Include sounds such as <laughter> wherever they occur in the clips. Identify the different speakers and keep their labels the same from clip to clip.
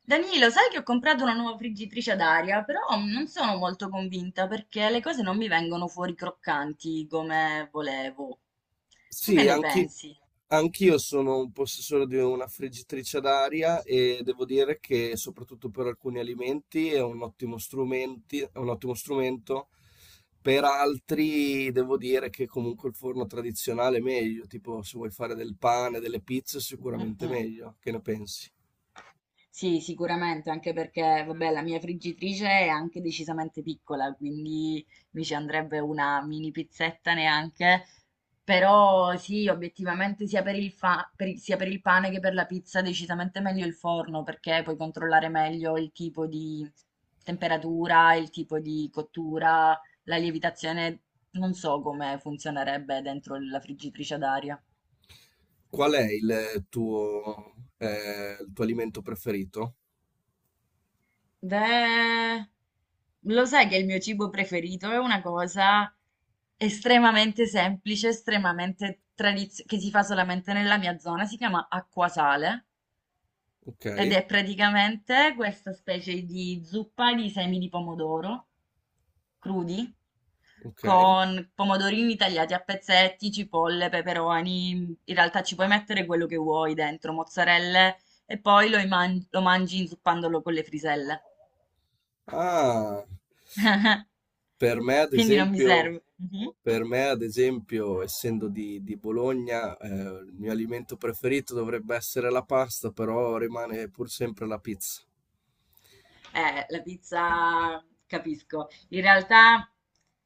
Speaker 1: Danilo, sai che ho comprato una nuova friggitrice ad aria, però non sono molto convinta perché le cose non mi vengono fuori croccanti come volevo. Tu che
Speaker 2: Sì,
Speaker 1: ne pensi?
Speaker 2: anch'io sono un possessore di una friggitrice d'aria e devo dire che soprattutto per alcuni alimenti è un ottimo è un ottimo strumento, per altri devo dire che comunque il forno tradizionale è meglio, tipo se vuoi fare del pane, delle pizze,
Speaker 1: Mm,
Speaker 2: sicuramente
Speaker 1: mm.
Speaker 2: meglio. Che ne pensi?
Speaker 1: Sì, sicuramente, anche perché, vabbè, la mia friggitrice è anche decisamente piccola, quindi mi ci andrebbe una mini pizzetta neanche. Però sì, obiettivamente sia per il pane che per la pizza decisamente meglio il forno, perché puoi controllare meglio il tipo di temperatura, il tipo di cottura, la lievitazione, non so come funzionerebbe dentro la friggitrice ad aria.
Speaker 2: Qual è il tuo alimento preferito?
Speaker 1: Beh, lo sai che il mio cibo preferito è una cosa estremamente semplice, estremamente tradizionale, che si fa solamente nella mia zona, si chiama acquasale
Speaker 2: Ok,
Speaker 1: ed è praticamente questa specie di zuppa di semi di pomodoro crudi,
Speaker 2: ok.
Speaker 1: con pomodorini tagliati a pezzetti, cipolle, peperoni, in realtà ci puoi mettere quello che vuoi dentro, mozzarelle, e poi lo mangi inzuppandolo con le friselle.
Speaker 2: Ah, per me ad
Speaker 1: Quindi non mi
Speaker 2: esempio...
Speaker 1: serve. Mh-mh.
Speaker 2: Per me, ad esempio, essendo di Bologna, il mio alimento preferito dovrebbe essere la pasta, però rimane pur sempre la pizza.
Speaker 1: La pizza capisco. In realtà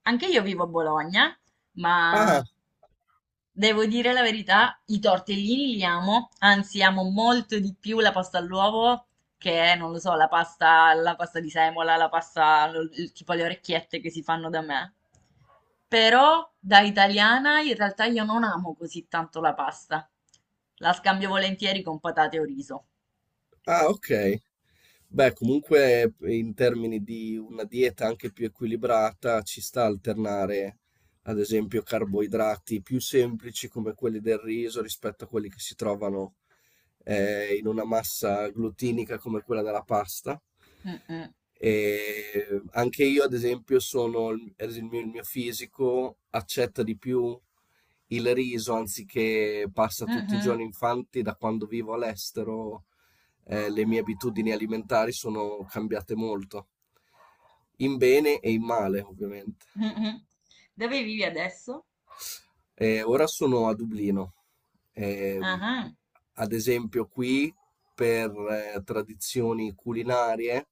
Speaker 1: anche io vivo a Bologna,
Speaker 2: Ah,
Speaker 1: ma devo dire la verità, i tortellini li amo, anzi amo molto di più la pasta all'uovo che, non lo so, la pasta di semola, la pasta, lo- il- tipo le orecchiette che si fanno da me. Però da italiana in realtà io non amo così tanto la pasta. La scambio volentieri con patate o riso.
Speaker 2: ah, ok. Beh, comunque in termini di una dieta anche più equilibrata ci sta alternare, ad esempio, carboidrati più semplici come quelli del riso rispetto a quelli che si trovano in una massa glutinica come quella della pasta.
Speaker 1: Mm, mm.
Speaker 2: E anche io, ad esempio, sono, ad esempio, il mio fisico accetta di più il riso anziché pasta tutti i
Speaker 1: Mh-mh,
Speaker 2: giorni. Infatti, da quando vivo all'estero le mie abitudini alimentari sono cambiate molto, in bene e in male, ovviamente.
Speaker 1: mh-mh. Dove vivi adesso?
Speaker 2: Ora sono a Dublino. Ehm,
Speaker 1: Ah-ah,
Speaker 2: ad esempio, qui per tradizioni culinarie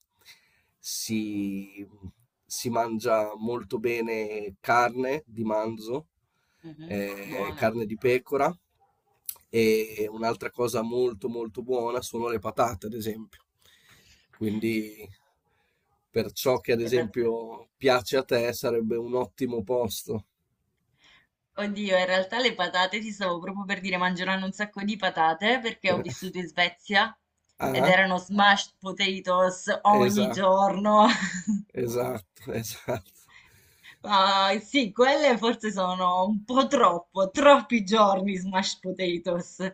Speaker 2: si, si mangia molto bene carne di manzo,
Speaker 1: mh-mh, buona.
Speaker 2: carne di pecora e un'altra cosa molto molto buona sono le patate, ad esempio. Quindi per ciò che ad
Speaker 1: Le pa
Speaker 2: esempio piace a te sarebbe un ottimo posto.
Speaker 1: oddio, in realtà le patate ti stavo proprio per dire, mangeranno un sacco di patate perché ho
Speaker 2: <laughs>
Speaker 1: vissuto in Svezia ed
Speaker 2: Ah?
Speaker 1: erano smashed potatoes ogni
Speaker 2: Esatto,
Speaker 1: giorno. <laughs>
Speaker 2: esatto, <laughs> esatto.
Speaker 1: Ma sì, quelle forse sono un po' troppo, troppi giorni smashed potatoes.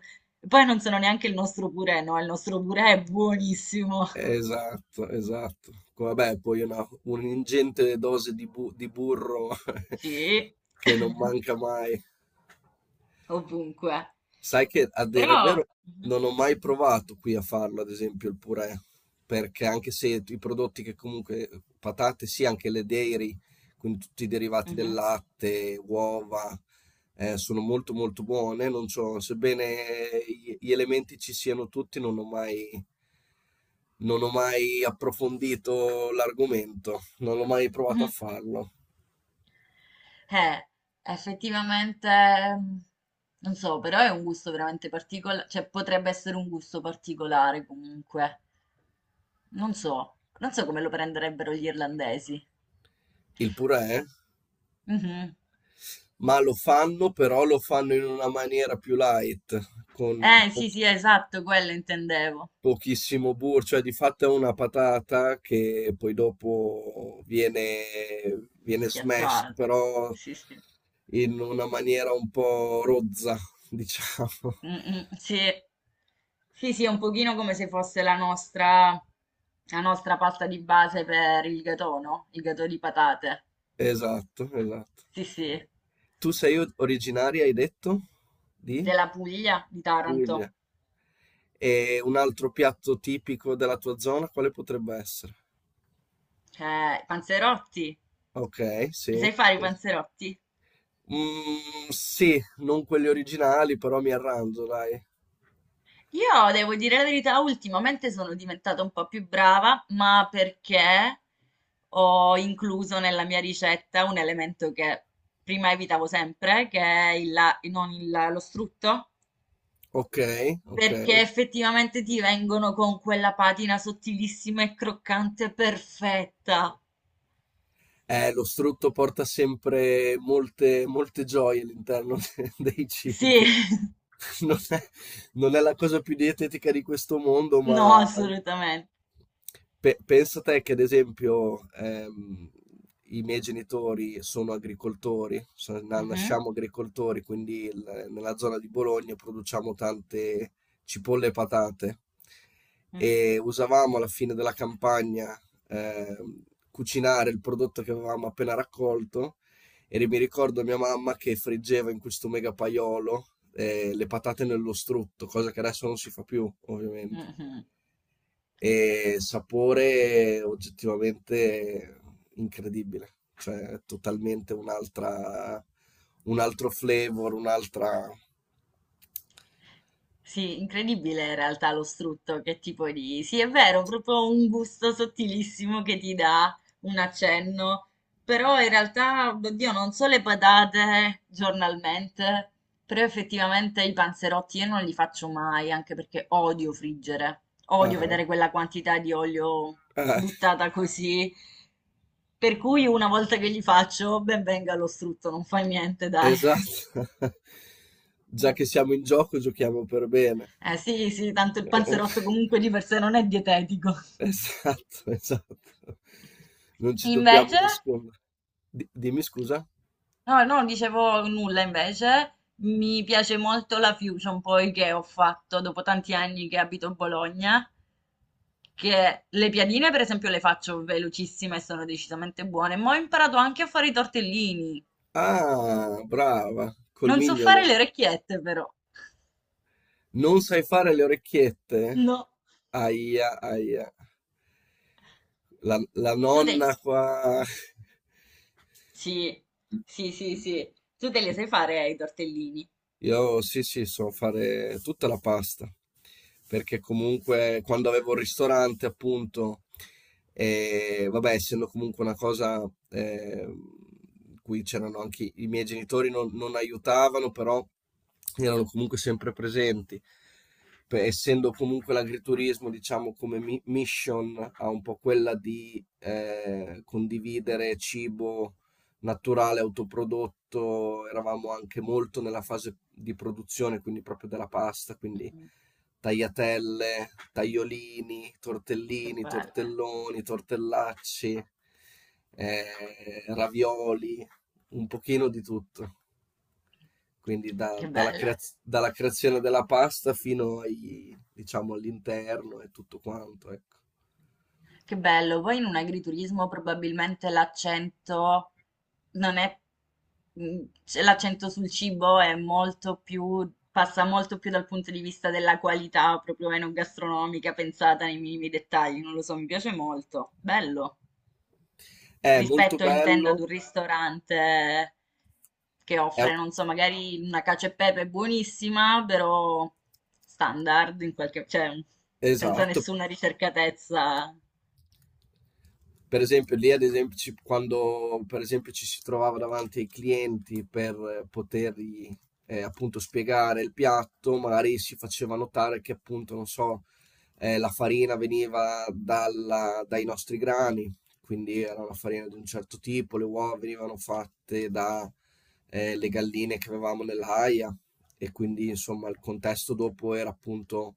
Speaker 1: Poi non sono neanche il nostro purè, no, il nostro purè è buonissimo.
Speaker 2: Esatto, esatto. Vabbè, poi un'ingente dose di burro
Speaker 1: Sì.
Speaker 2: <laughs> che non manca
Speaker 1: <laughs>
Speaker 2: mai.
Speaker 1: Ovunque.
Speaker 2: Sai che a dire il
Speaker 1: Però,
Speaker 2: vero
Speaker 1: mhm,
Speaker 2: non ho mai provato qui a farlo, ad esempio il purè, perché anche se i prodotti che comunque, patate sì, anche le dairy, quindi tutti i derivati del
Speaker 1: mhm,
Speaker 2: latte, uova, sono molto molto buone, non so, sebbene gli elementi ci siano tutti, non ho mai, non ho mai approfondito l'argomento, non ho mai provato a
Speaker 1: mhm.
Speaker 2: farlo.
Speaker 1: Eh, Effettivamente, mm, non so, però è un gusto veramente particolare, cioè potrebbe essere un gusto particolare comunque. Non so, non so come lo prenderebbero gli irlandesi.
Speaker 2: Il purè?
Speaker 1: Mhm.
Speaker 2: Ma lo fanno, però lo fanno in una maniera più light, con
Speaker 1: Sì, sì, esatto, quello intendevo.
Speaker 2: pochissimo burro, cioè di fatto è una patata che poi dopo viene, viene smashed,
Speaker 1: Schiacciato.
Speaker 2: però
Speaker 1: Sì, sì.
Speaker 2: in una maniera un po' rozza, <laughs> diciamo.
Speaker 1: Mm, mm, sì. Sì, sì, è un pochino come se fosse la nostra pasta di base per il gatò, no? Il gatò di patate.
Speaker 2: Esatto, esatto.
Speaker 1: Sì, sì,
Speaker 2: Tu sei originaria, hai detto, di
Speaker 1: della Puglia, di Taranto.
Speaker 2: Puglia. E un altro piatto tipico della tua zona, quale potrebbe essere?
Speaker 1: Eh, i panzerotti.
Speaker 2: Ok,
Speaker 1: Mi sai
Speaker 2: sì,
Speaker 1: fare i
Speaker 2: sì.
Speaker 1: panzerotti?
Speaker 2: Mm, sì, non quelli originali, però mi arrangio, dai.
Speaker 1: Io devo dire la verità, ultimamente sono diventata un po' più brava, ma perché ho incluso nella mia ricetta un elemento che prima evitavo sempre, che è il, la- non il- lo strutto.
Speaker 2: Ok, ok.
Speaker 1: Perché effettivamente ti vengono con quella patina sottilissima e croccante perfetta.
Speaker 2: Lo strutto porta sempre molte, molte gioie all'interno <laughs> dei
Speaker 1: Sì,
Speaker 2: cibi.
Speaker 1: <laughs>
Speaker 2: Non è, non è la cosa più dietetica di questo mondo,
Speaker 1: no,
Speaker 2: ma
Speaker 1: assolutamente.
Speaker 2: pensa te che, ad esempio, i miei genitori sono agricoltori,
Speaker 1: Mhm,
Speaker 2: nasciamo agricoltori, quindi nella zona di Bologna produciamo tante cipolle e patate. E usavamo alla fine della campagna eh, cucinare il prodotto che avevamo appena raccolto e mi ricordo mia mamma che friggeva in questo mega paiolo le patate nello strutto, cosa che adesso non si fa più,
Speaker 1: mhm,
Speaker 2: ovviamente.
Speaker 1: mhm.
Speaker 2: E sapore oggettivamente incredibile, cioè totalmente un altro flavor, un'altra...
Speaker 1: Sì, incredibile in realtà lo strutto, che tipo di... Sì, è vero, proprio un gusto sottilissimo che ti dà un accenno, però in realtà, oddio, non so le patate giornalmente, però effettivamente i panzerotti io non li faccio mai, anche perché odio friggere, odio
Speaker 2: Ah,
Speaker 1: vedere quella quantità di olio
Speaker 2: ah,
Speaker 1: buttata così, per cui una volta che li faccio, ben venga lo strutto, non fa niente, dai.
Speaker 2: Esatto. <laughs> Già che
Speaker 1: <laughs>
Speaker 2: siamo in gioco, giochiamo per bene.
Speaker 1: Eh sì, sì, tanto il panzerotto
Speaker 2: <laughs>
Speaker 1: comunque di per sé non è dietetico.
Speaker 2: Esatto, esatto. Non ci dobbiamo
Speaker 1: Invece,
Speaker 2: nascondere. Dimmi scusa.
Speaker 1: no, no, non dicevo nulla invece, mi piace molto la fusion poi che ho fatto dopo tanti anni che abito a Bologna, che le piadine per esempio le faccio velocissime e sono decisamente buone, ma ho imparato anche a fare i tortellini.
Speaker 2: Ah, brava, col
Speaker 1: Non so
Speaker 2: mignolo.
Speaker 1: fare le orecchiette però.
Speaker 2: Non sai fare le orecchiette?
Speaker 1: No.
Speaker 2: Aia, aia. La
Speaker 1: Tu te...
Speaker 2: nonna qua. <laughs>
Speaker 1: Sì, sì, sì, sì. Tu te le sai fare i tortellini.
Speaker 2: Io sì, sì, so fare tutta la pasta, perché comunque quando avevo il ristorante, appunto, vabbè, essendo comunque una cosa in cui c'erano anche i miei genitori, non aiutavano, però erano comunque sempre presenti. Essendo comunque l'agriturismo, diciamo, come mission, ha un po' quella di condividere cibo naturale, autoprodotto, eravamo anche molto nella fase di produzione, quindi proprio della pasta, quindi
Speaker 1: Mm,
Speaker 2: tagliatelle, tagliolini,
Speaker 1: che
Speaker 2: tortellini,
Speaker 1: bello.
Speaker 2: tortelloni, tortellacci, ravioli, un pochino di tutto. Quindi da-
Speaker 1: Che
Speaker 2: dalla,
Speaker 1: bello,
Speaker 2: creaz- dalla creazione della pasta fino diciamo, all'interno e tutto quanto, ecco.
Speaker 1: che bello. Poi in un agriturismo probabilmente l'accento non è, cioè, l'accento sul cibo è molto più, passa molto più dal punto di vista della qualità proprio enogastronomica, pensata nei minimi dettagli, non lo so, mi piace molto. Bello.
Speaker 2: È molto
Speaker 1: Rispetto, intendo, ad
Speaker 2: bello,
Speaker 1: un ristorante che
Speaker 2: è,
Speaker 1: offre, non so, magari una cacio e pepe buonissima, però standard in qualche, cioè senza
Speaker 2: esatto.
Speaker 1: nessuna ricercatezza.
Speaker 2: Per esempio, lì, ad esempio, quando per esempio, ci si trovava davanti ai clienti per potergli appunto spiegare il piatto, magari si faceva notare che appunto, non so, la farina veniva dai nostri grani, quindi era una farina di un certo tipo, le uova venivano fatte da le galline che avevamo nell'aia e quindi insomma il contesto dopo era appunto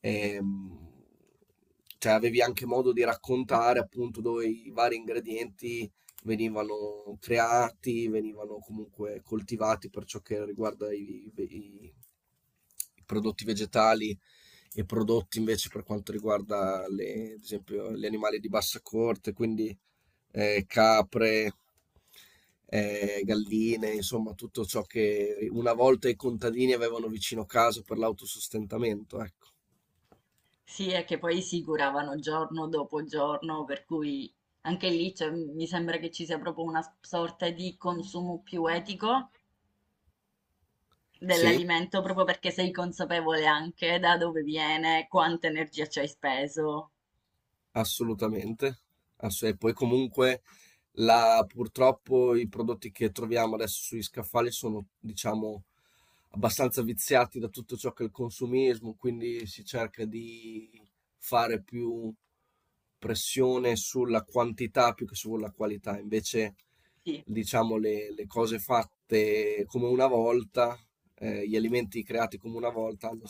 Speaker 2: ehm, cioè avevi anche modo di raccontare appunto dove i vari ingredienti venivano creati, venivano comunque coltivati per ciò che riguarda i prodotti vegetali e prodotti invece per quanto riguarda ad esempio gli animali di bassa corte, quindi capre, galline, insomma tutto ciò che una volta i contadini avevano vicino casa per l'autosostentamento, ecco.
Speaker 1: Sì, è che poi si curavano giorno dopo giorno, per cui mi sembra che ci sia proprio una sorta di consumo più etico
Speaker 2: Sì,
Speaker 1: dell'alimento, proprio perché sei consapevole anche da dove viene, quanta energia ci hai speso.
Speaker 2: assolutamente. E poi comunque purtroppo i prodotti che troviamo adesso sugli scaffali sono, diciamo, abbastanza viziati da tutto ciò che è il consumismo, quindi si cerca di fare più pressione sulla quantità più che sulla qualità. Invece,
Speaker 1: Sì,
Speaker 2: diciamo, le cose fatte come una volta, gli alimenti creati come una volta hanno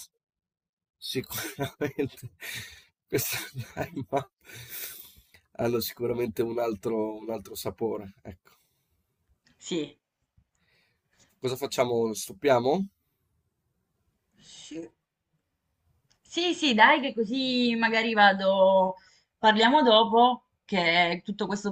Speaker 2: Sicuramente <laughs> questo hanno sicuramente un altro sapore, ecco.
Speaker 1: sì.
Speaker 2: Cosa facciamo, stoppiamo?
Speaker 1: Sì. Sì, sì, dai, che così magari vado, parliamo dopo, che tutto questo